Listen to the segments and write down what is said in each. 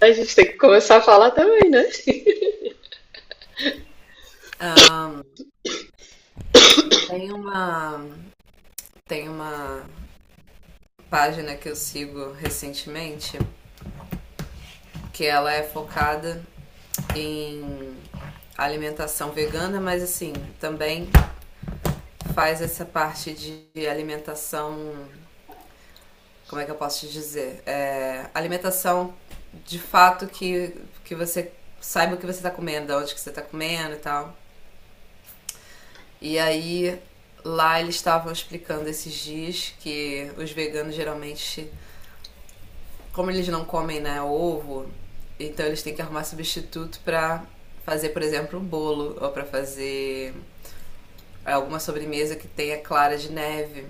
A gente tem que começar a falar também, né? Tem uma, tem uma página que eu sigo recentemente que ela é focada em alimentação vegana, mas assim, também faz essa parte de alimentação. Como é que eu posso te dizer? Alimentação de fato que você saiba o que você está comendo, de onde que você está comendo e tal. E aí lá eles estavam explicando esses dias que os veganos geralmente, como eles não comem, né, ovo, então eles têm que arrumar substituto pra fazer, por exemplo, um bolo ou pra fazer alguma sobremesa que tenha clara de neve.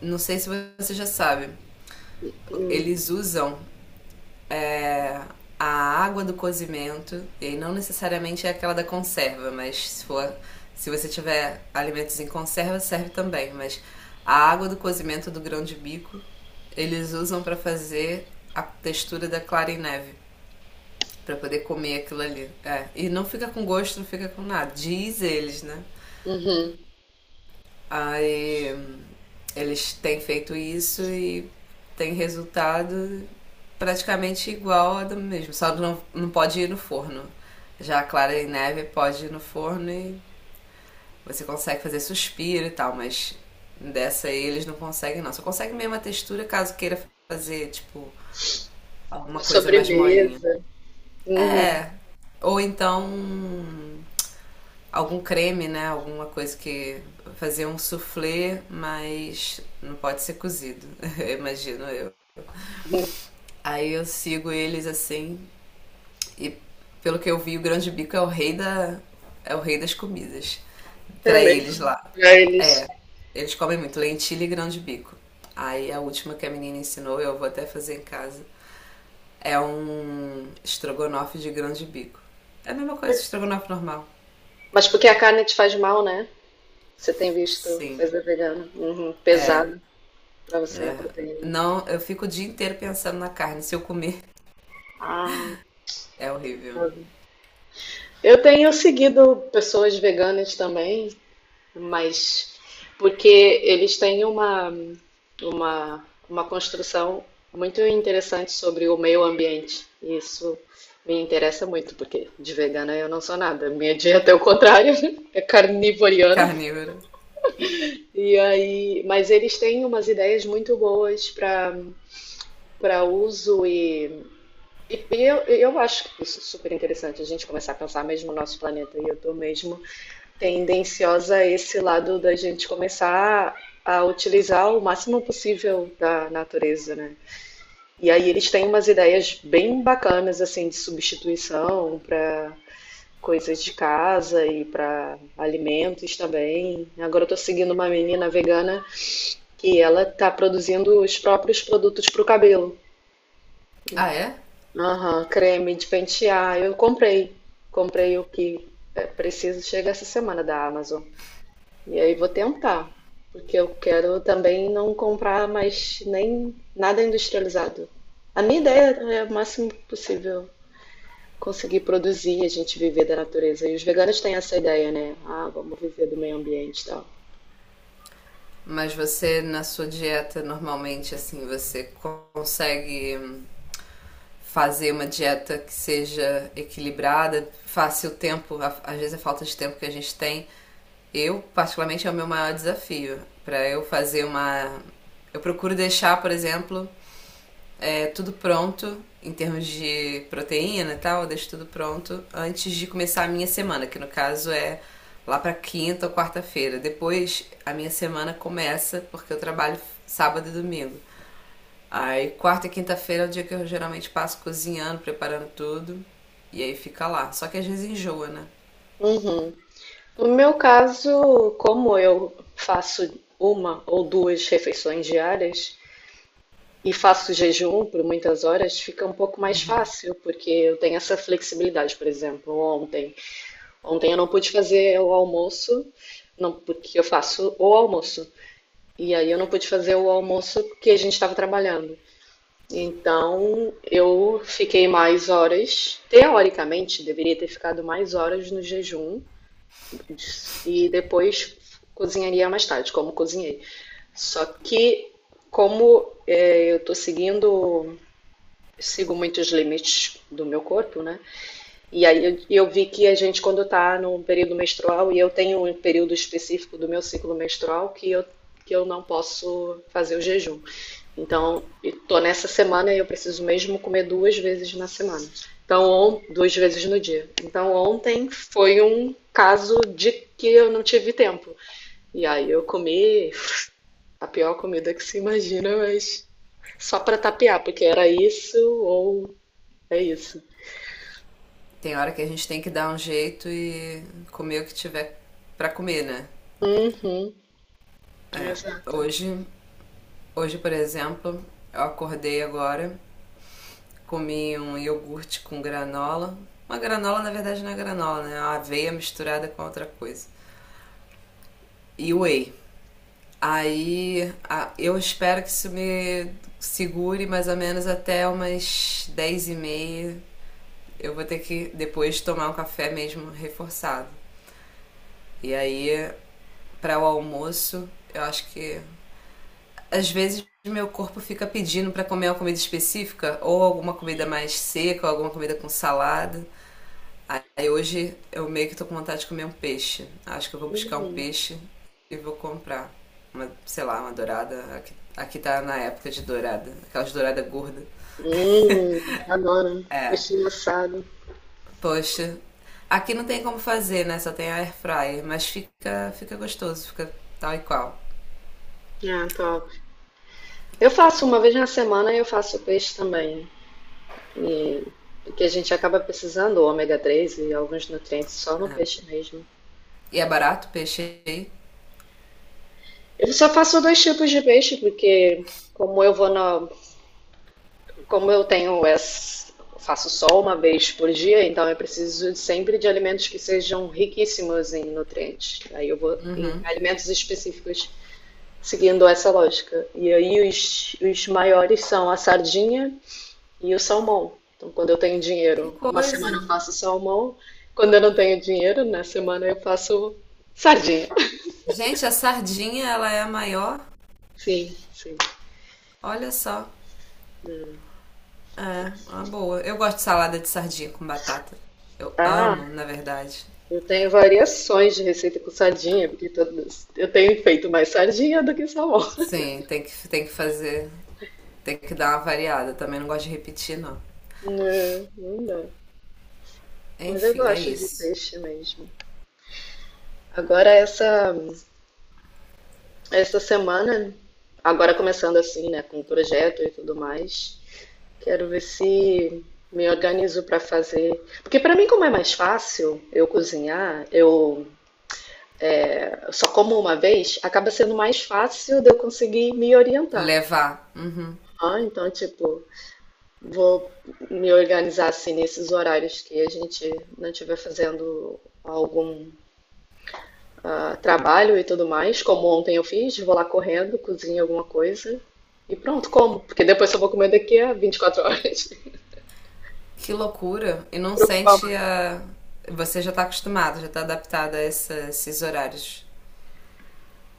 Não sei se você já sabe, eles usam é, a água do cozimento, e não necessariamente é aquela da conserva, mas se você tiver alimentos em conserva, serve também, mas a água do cozimento do grão de bico eles usam para fazer a textura da clara em neve. Pra poder comer aquilo ali. É. E não fica com gosto, não fica com nada. Diz eles, né? Uhum. Aí eles têm feito isso e tem resultado praticamente igual a do mesmo. Só não pode ir no forno. Já a clara e neve pode ir no forno e você consegue fazer suspiro e tal, mas dessa aí eles não conseguem não. Só consegue mesmo a textura caso queira fazer, tipo, alguma Uma coisa mais molinha. sobremesa. Uhum. É. Ou então algum creme, né? Alguma coisa que. Fazer um soufflé, mas não pode ser cozido, imagino eu. Uhum. Aí eu sigo eles assim, e pelo que eu vi, o grão de bico é o rei da. É o rei das comidas. É Pra eles mesmo. lá. Pra eles. É. Eles comem muito lentilha e grão de bico. Aí a última que a menina ensinou, eu vou até fazer em casa, é um estrogonofe de grão de bico. É a mesma coisa, estrogonofe normal. Mas porque a carne te faz mal, né? Você tem visto Sim, coisa vegana. Uhum. é. Pesado pra você a proteína. Não, eu fico o dia inteiro pensando na carne. Se eu comer, Ah, é horrível. eu tenho seguido pessoas veganas também mas porque eles têm uma construção muito interessante sobre o meio ambiente. E isso me interessa muito, porque de vegana eu não sou nada. Minha dieta é o contrário, é carnivoriana. Carnívoro. E aí, mas eles têm umas ideias muito boas para uso e eu acho que isso é super interessante a gente começar a pensar mesmo no nosso planeta. E eu estou mesmo tendenciosa a esse lado da gente começar a utilizar o máximo possível da natureza, né? E aí eles têm umas ideias bem bacanas assim de substituição para coisas de casa e para alimentos também. Agora eu tô seguindo uma menina vegana que ela tá produzindo os próprios produtos para o cabelo. Ah, é? Aham, creme de pentear. Comprei o que é preciso, chega essa semana da Amazon. E aí vou tentar, porque eu quero também não comprar mais nem nada industrializado. A minha ideia é o máximo possível conseguir produzir e a gente viver da natureza. E os veganos têm essa ideia, né? Ah, vamos viver do meio ambiente e tal. Mas você, na sua dieta, normalmente, assim, você consegue fazer uma dieta que seja equilibrada, faça o tempo, às vezes a falta de tempo que a gente tem. Eu, particularmente, é o meu maior desafio. Pra eu fazer uma. Eu procuro deixar, por exemplo, tudo pronto em termos de proteína e tal, eu deixo tudo pronto antes de começar a minha semana, que no caso é lá para quinta ou quarta-feira. Depois a minha semana começa porque eu trabalho sábado e domingo. Aí quarta e quinta-feira é o dia que eu geralmente passo cozinhando, preparando tudo e aí fica lá. Só que às vezes enjoa, né? Uhum. No meu caso, como eu faço uma ou duas refeições diárias e faço jejum por muitas horas, fica um pouco mais fácil, porque eu tenho essa flexibilidade. Por exemplo, ontem eu não pude fazer o almoço, não, porque eu faço o almoço. E aí eu não pude fazer o almoço porque a gente estava trabalhando. Então eu fiquei mais horas, teoricamente deveria ter ficado mais horas no jejum e depois cozinharia mais tarde, como cozinhei. Só que como é, sigo muitos limites do meu corpo, né? E aí eu vi que a gente, quando está num período menstrual, e eu tenho um período específico do meu ciclo menstrual que eu não posso fazer o jejum. Então, estou nessa semana e eu preciso mesmo comer duas vezes na semana. Duas vezes no dia. Então, ontem foi um caso de que eu não tive tempo. E aí eu comi a pior comida que se imagina, mas só para tapear, porque era isso, ou é isso. Tem hora que a gente tem que dar um jeito e comer o que tiver para comer, né? Uhum, É. exato. Hoje, hoje por exemplo, eu acordei agora. Comi um iogurte com granola. Uma granola, na verdade, não é granola, né? É uma aveia misturada com outra coisa. E whey. Aí eu espero que isso me segure mais ou menos até umas 10:30. Eu vou ter que depois tomar um café mesmo reforçado. E aí, para o almoço, eu acho que às vezes meu corpo fica pedindo para comer uma comida específica, ou alguma comida mais seca, ou alguma comida com salada. Aí hoje eu meio que tô com vontade de comer um peixe. Acho que eu vou buscar um Uhum. peixe e vou comprar. Uma, sei lá, uma dourada. Aqui tá na época de dourada. Aquelas douradas gordas. Adoro. É. Peixinho assado. Poxa. Aqui não tem como fazer, né? Só tem a air fryer. Mas fica gostoso. Fica tal e qual. Ah, top. Eu faço uma vez na semana e eu faço peixe também. E, porque a gente acaba precisando do ômega 3 e alguns nutrientes só no peixe mesmo. E é barato o peixe aí? Eu só faço dois tipos de peixe, porque como eu vou na, como eu tenho essa, faço só uma vez por dia, então eu preciso sempre de alimentos que sejam riquíssimos em nutrientes. Aí eu vou em Uhum. alimentos específicos, seguindo essa lógica. E aí os maiores são a sardinha e o salmão. Então, quando eu tenho Que dinheiro, uma coisa. semana eu faço salmão. Quando eu não tenho dinheiro, na semana eu faço sardinha. Gente, a sardinha, ela é a maior. Sim, sim. Olha só. É, uma boa. Eu gosto de salada de sardinha com batata. Eu amo, Ah, na verdade. eu tenho variações de receita com sardinha, porque todas, eu tenho feito mais sardinha do que salmão. Sim, tem que fazer. Tem que dar uma variada. Também não gosto de repetir, não. Não, não dá. Mas eu Enfim, é gosto de isso. peixe mesmo. Agora, essa semana, agora começando assim, né, com o projeto e tudo mais, quero ver se me organizo para fazer. Porque para mim, como é mais fácil eu cozinhar, eu só como uma vez, acaba sendo mais fácil de eu conseguir me orientar. Levar. Uhum. Ah, então, tipo, vou me organizar assim nesses horários que a gente não estiver fazendo algum ah, trabalho e tudo mais, como ontem eu fiz, vou lá correndo, cozinho alguma coisa e pronto, como. Porque depois só vou comer daqui a 24 horas, Que loucura. E me não preocupar sente mais. a. Você já tá acostumado, já tá adaptado a esses horários.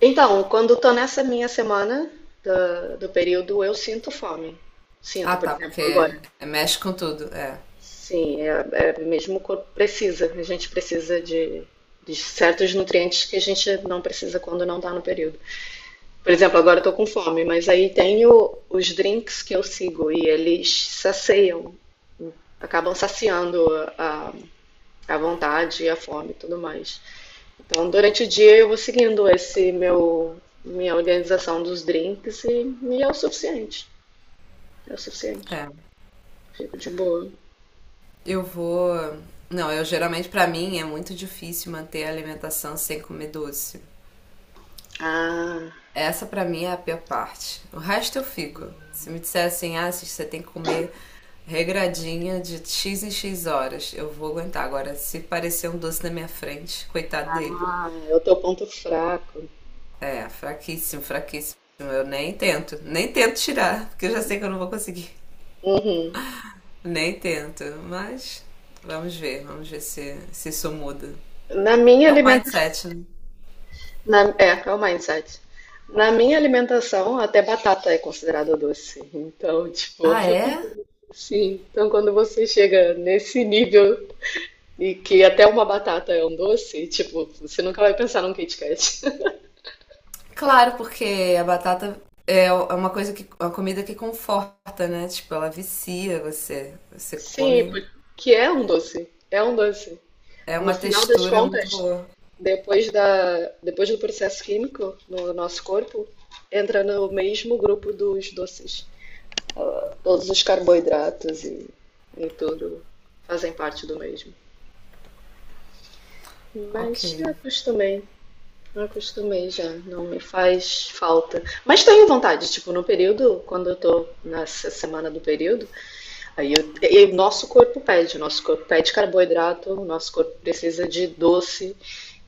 Então, quando estou nessa minha semana do período, eu sinto fome. Ah, Sinto, por tá, exemplo, porque agora. mexe com tudo. É. Sim, é, é mesmo o corpo precisa. A gente precisa de certos nutrientes que a gente não precisa quando não está no período. Por exemplo, agora estou com fome, mas aí tenho os drinks que eu sigo e eles saciam, acabam saciando a, a vontade, e a fome e tudo mais. Então, durante o dia eu vou seguindo esse meu minha organização dos drinks e é o suficiente. É o suficiente. É. Fico de boa. Eu vou. Não, eu geralmente, pra mim, é muito difícil manter a alimentação sem comer doce. Ah, Essa pra mim é a pior parte. O resto eu fico. Se me disser assim, ah, Cis, você tem que comer regradinha de X em X horas. Eu vou aguentar. Agora, se parecer um doce na minha frente, coitado dele. É o teu ponto fraco. É, fraquíssimo, fraquíssimo. Eu nem tento tirar, porque eu já sei que eu não vou conseguir. Uhum. Nem tento, mas vamos ver se isso muda. Na minha É um alimentação. mindset, né? Na, é, calma aí, insight. Na minha alimentação, até batata é considerada doce. Então, tipo, Ah, é? sim. Então, quando você chega nesse nível e que até uma batata é um doce, tipo, você nunca vai pensar num Kit Kat. Claro, porque a batata é uma coisa que, uma comida que conforta, né? Tipo, ela vicia você. Você Sim, come. porque é um doce, é um doce. É No uma final das textura muito contas, boa. Depois do processo químico no nosso corpo, entra no mesmo grupo dos doces. Ah, todos os carboidratos e tudo fazem parte do mesmo. Ok. Mas já acostumei, já acostumei já, não me faz falta. Mas tenho vontade, tipo, no período, quando eu tô nessa semana do período, aí e o nosso corpo pede, o nosso corpo pede carboidrato, o nosso corpo precisa de doce.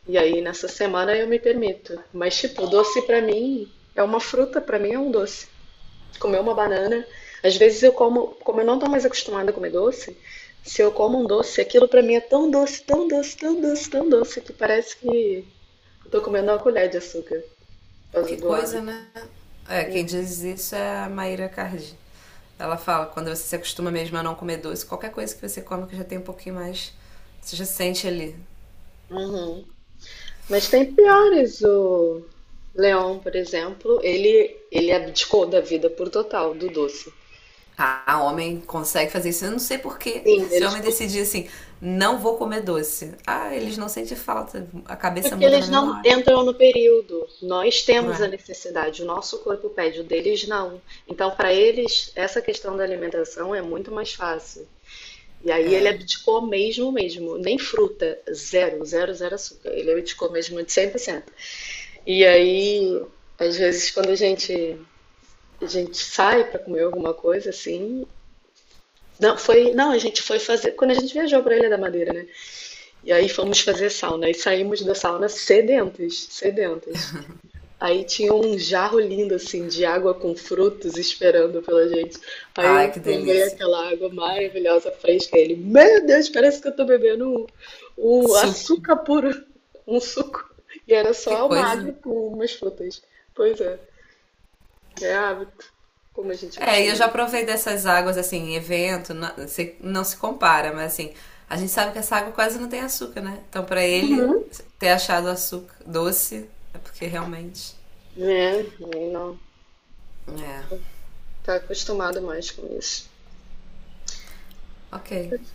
E aí nessa semana eu me permito. Mas tipo, doce pra mim é uma fruta, pra mim é um doce. Comer uma banana, às vezes eu como, como eu não tô mais acostumada a comer doce, se eu como um doce, aquilo pra mim é tão doce, tão doce, tão doce, tão doce que parece que eu tô comendo uma colher de açúcar por causa Que do coisa, hábito. né? É, quem diz isso é a Maíra Cardi. Ela fala, quando você se acostuma mesmo a não comer doce, qualquer coisa que você come que já tem um pouquinho mais, você já sente ali. Uhum. Mas tem piores. O Leon, por exemplo, ele abdicou da vida por total, do doce. Ah, homem consegue fazer isso. Eu não sei porquê. Sim, Se o eles homem con- decidir assim, não vou comer doce. Ah, eles não sentem falta. A cabeça Porque muda na eles mesma não hora. entram no período. Nós Não temos a é? necessidade, o nosso corpo pede, o deles não. Então, para eles, essa questão da alimentação é muito mais fácil. E aí ele abdicou mesmo, mesmo. Nem fruta, zero, zero, zero açúcar. Ele abdicou mesmo de 100%. E aí, às vezes, quando a gente sai para comer alguma coisa assim, Não, foi, não, a gente foi fazer quando a gente viajou para Ilha da Madeira, né? E aí fomos fazer sauna e saímos da sauna sedentas, sedentas. Aí tinha um jarro lindo assim de água com frutos esperando pela gente. Aí Ai, eu que tomei delícia. aquela água maravilhosa fresca. Ele, meu Deus, parece que eu tô bebendo um Suco. açúcar puro, um suco. E era Que só uma coisa. água com umas frutas. Pois é, é hábito, como a gente É, e eu acostuma, já né? provei dessas águas, assim, em evento, não se compara, mas assim, a gente sabe que essa água quase não tem açúcar, né? Então, pra ele ter achado açúcar doce, é porque realmente. É, não, É, tá acostumado mais com isso. ok.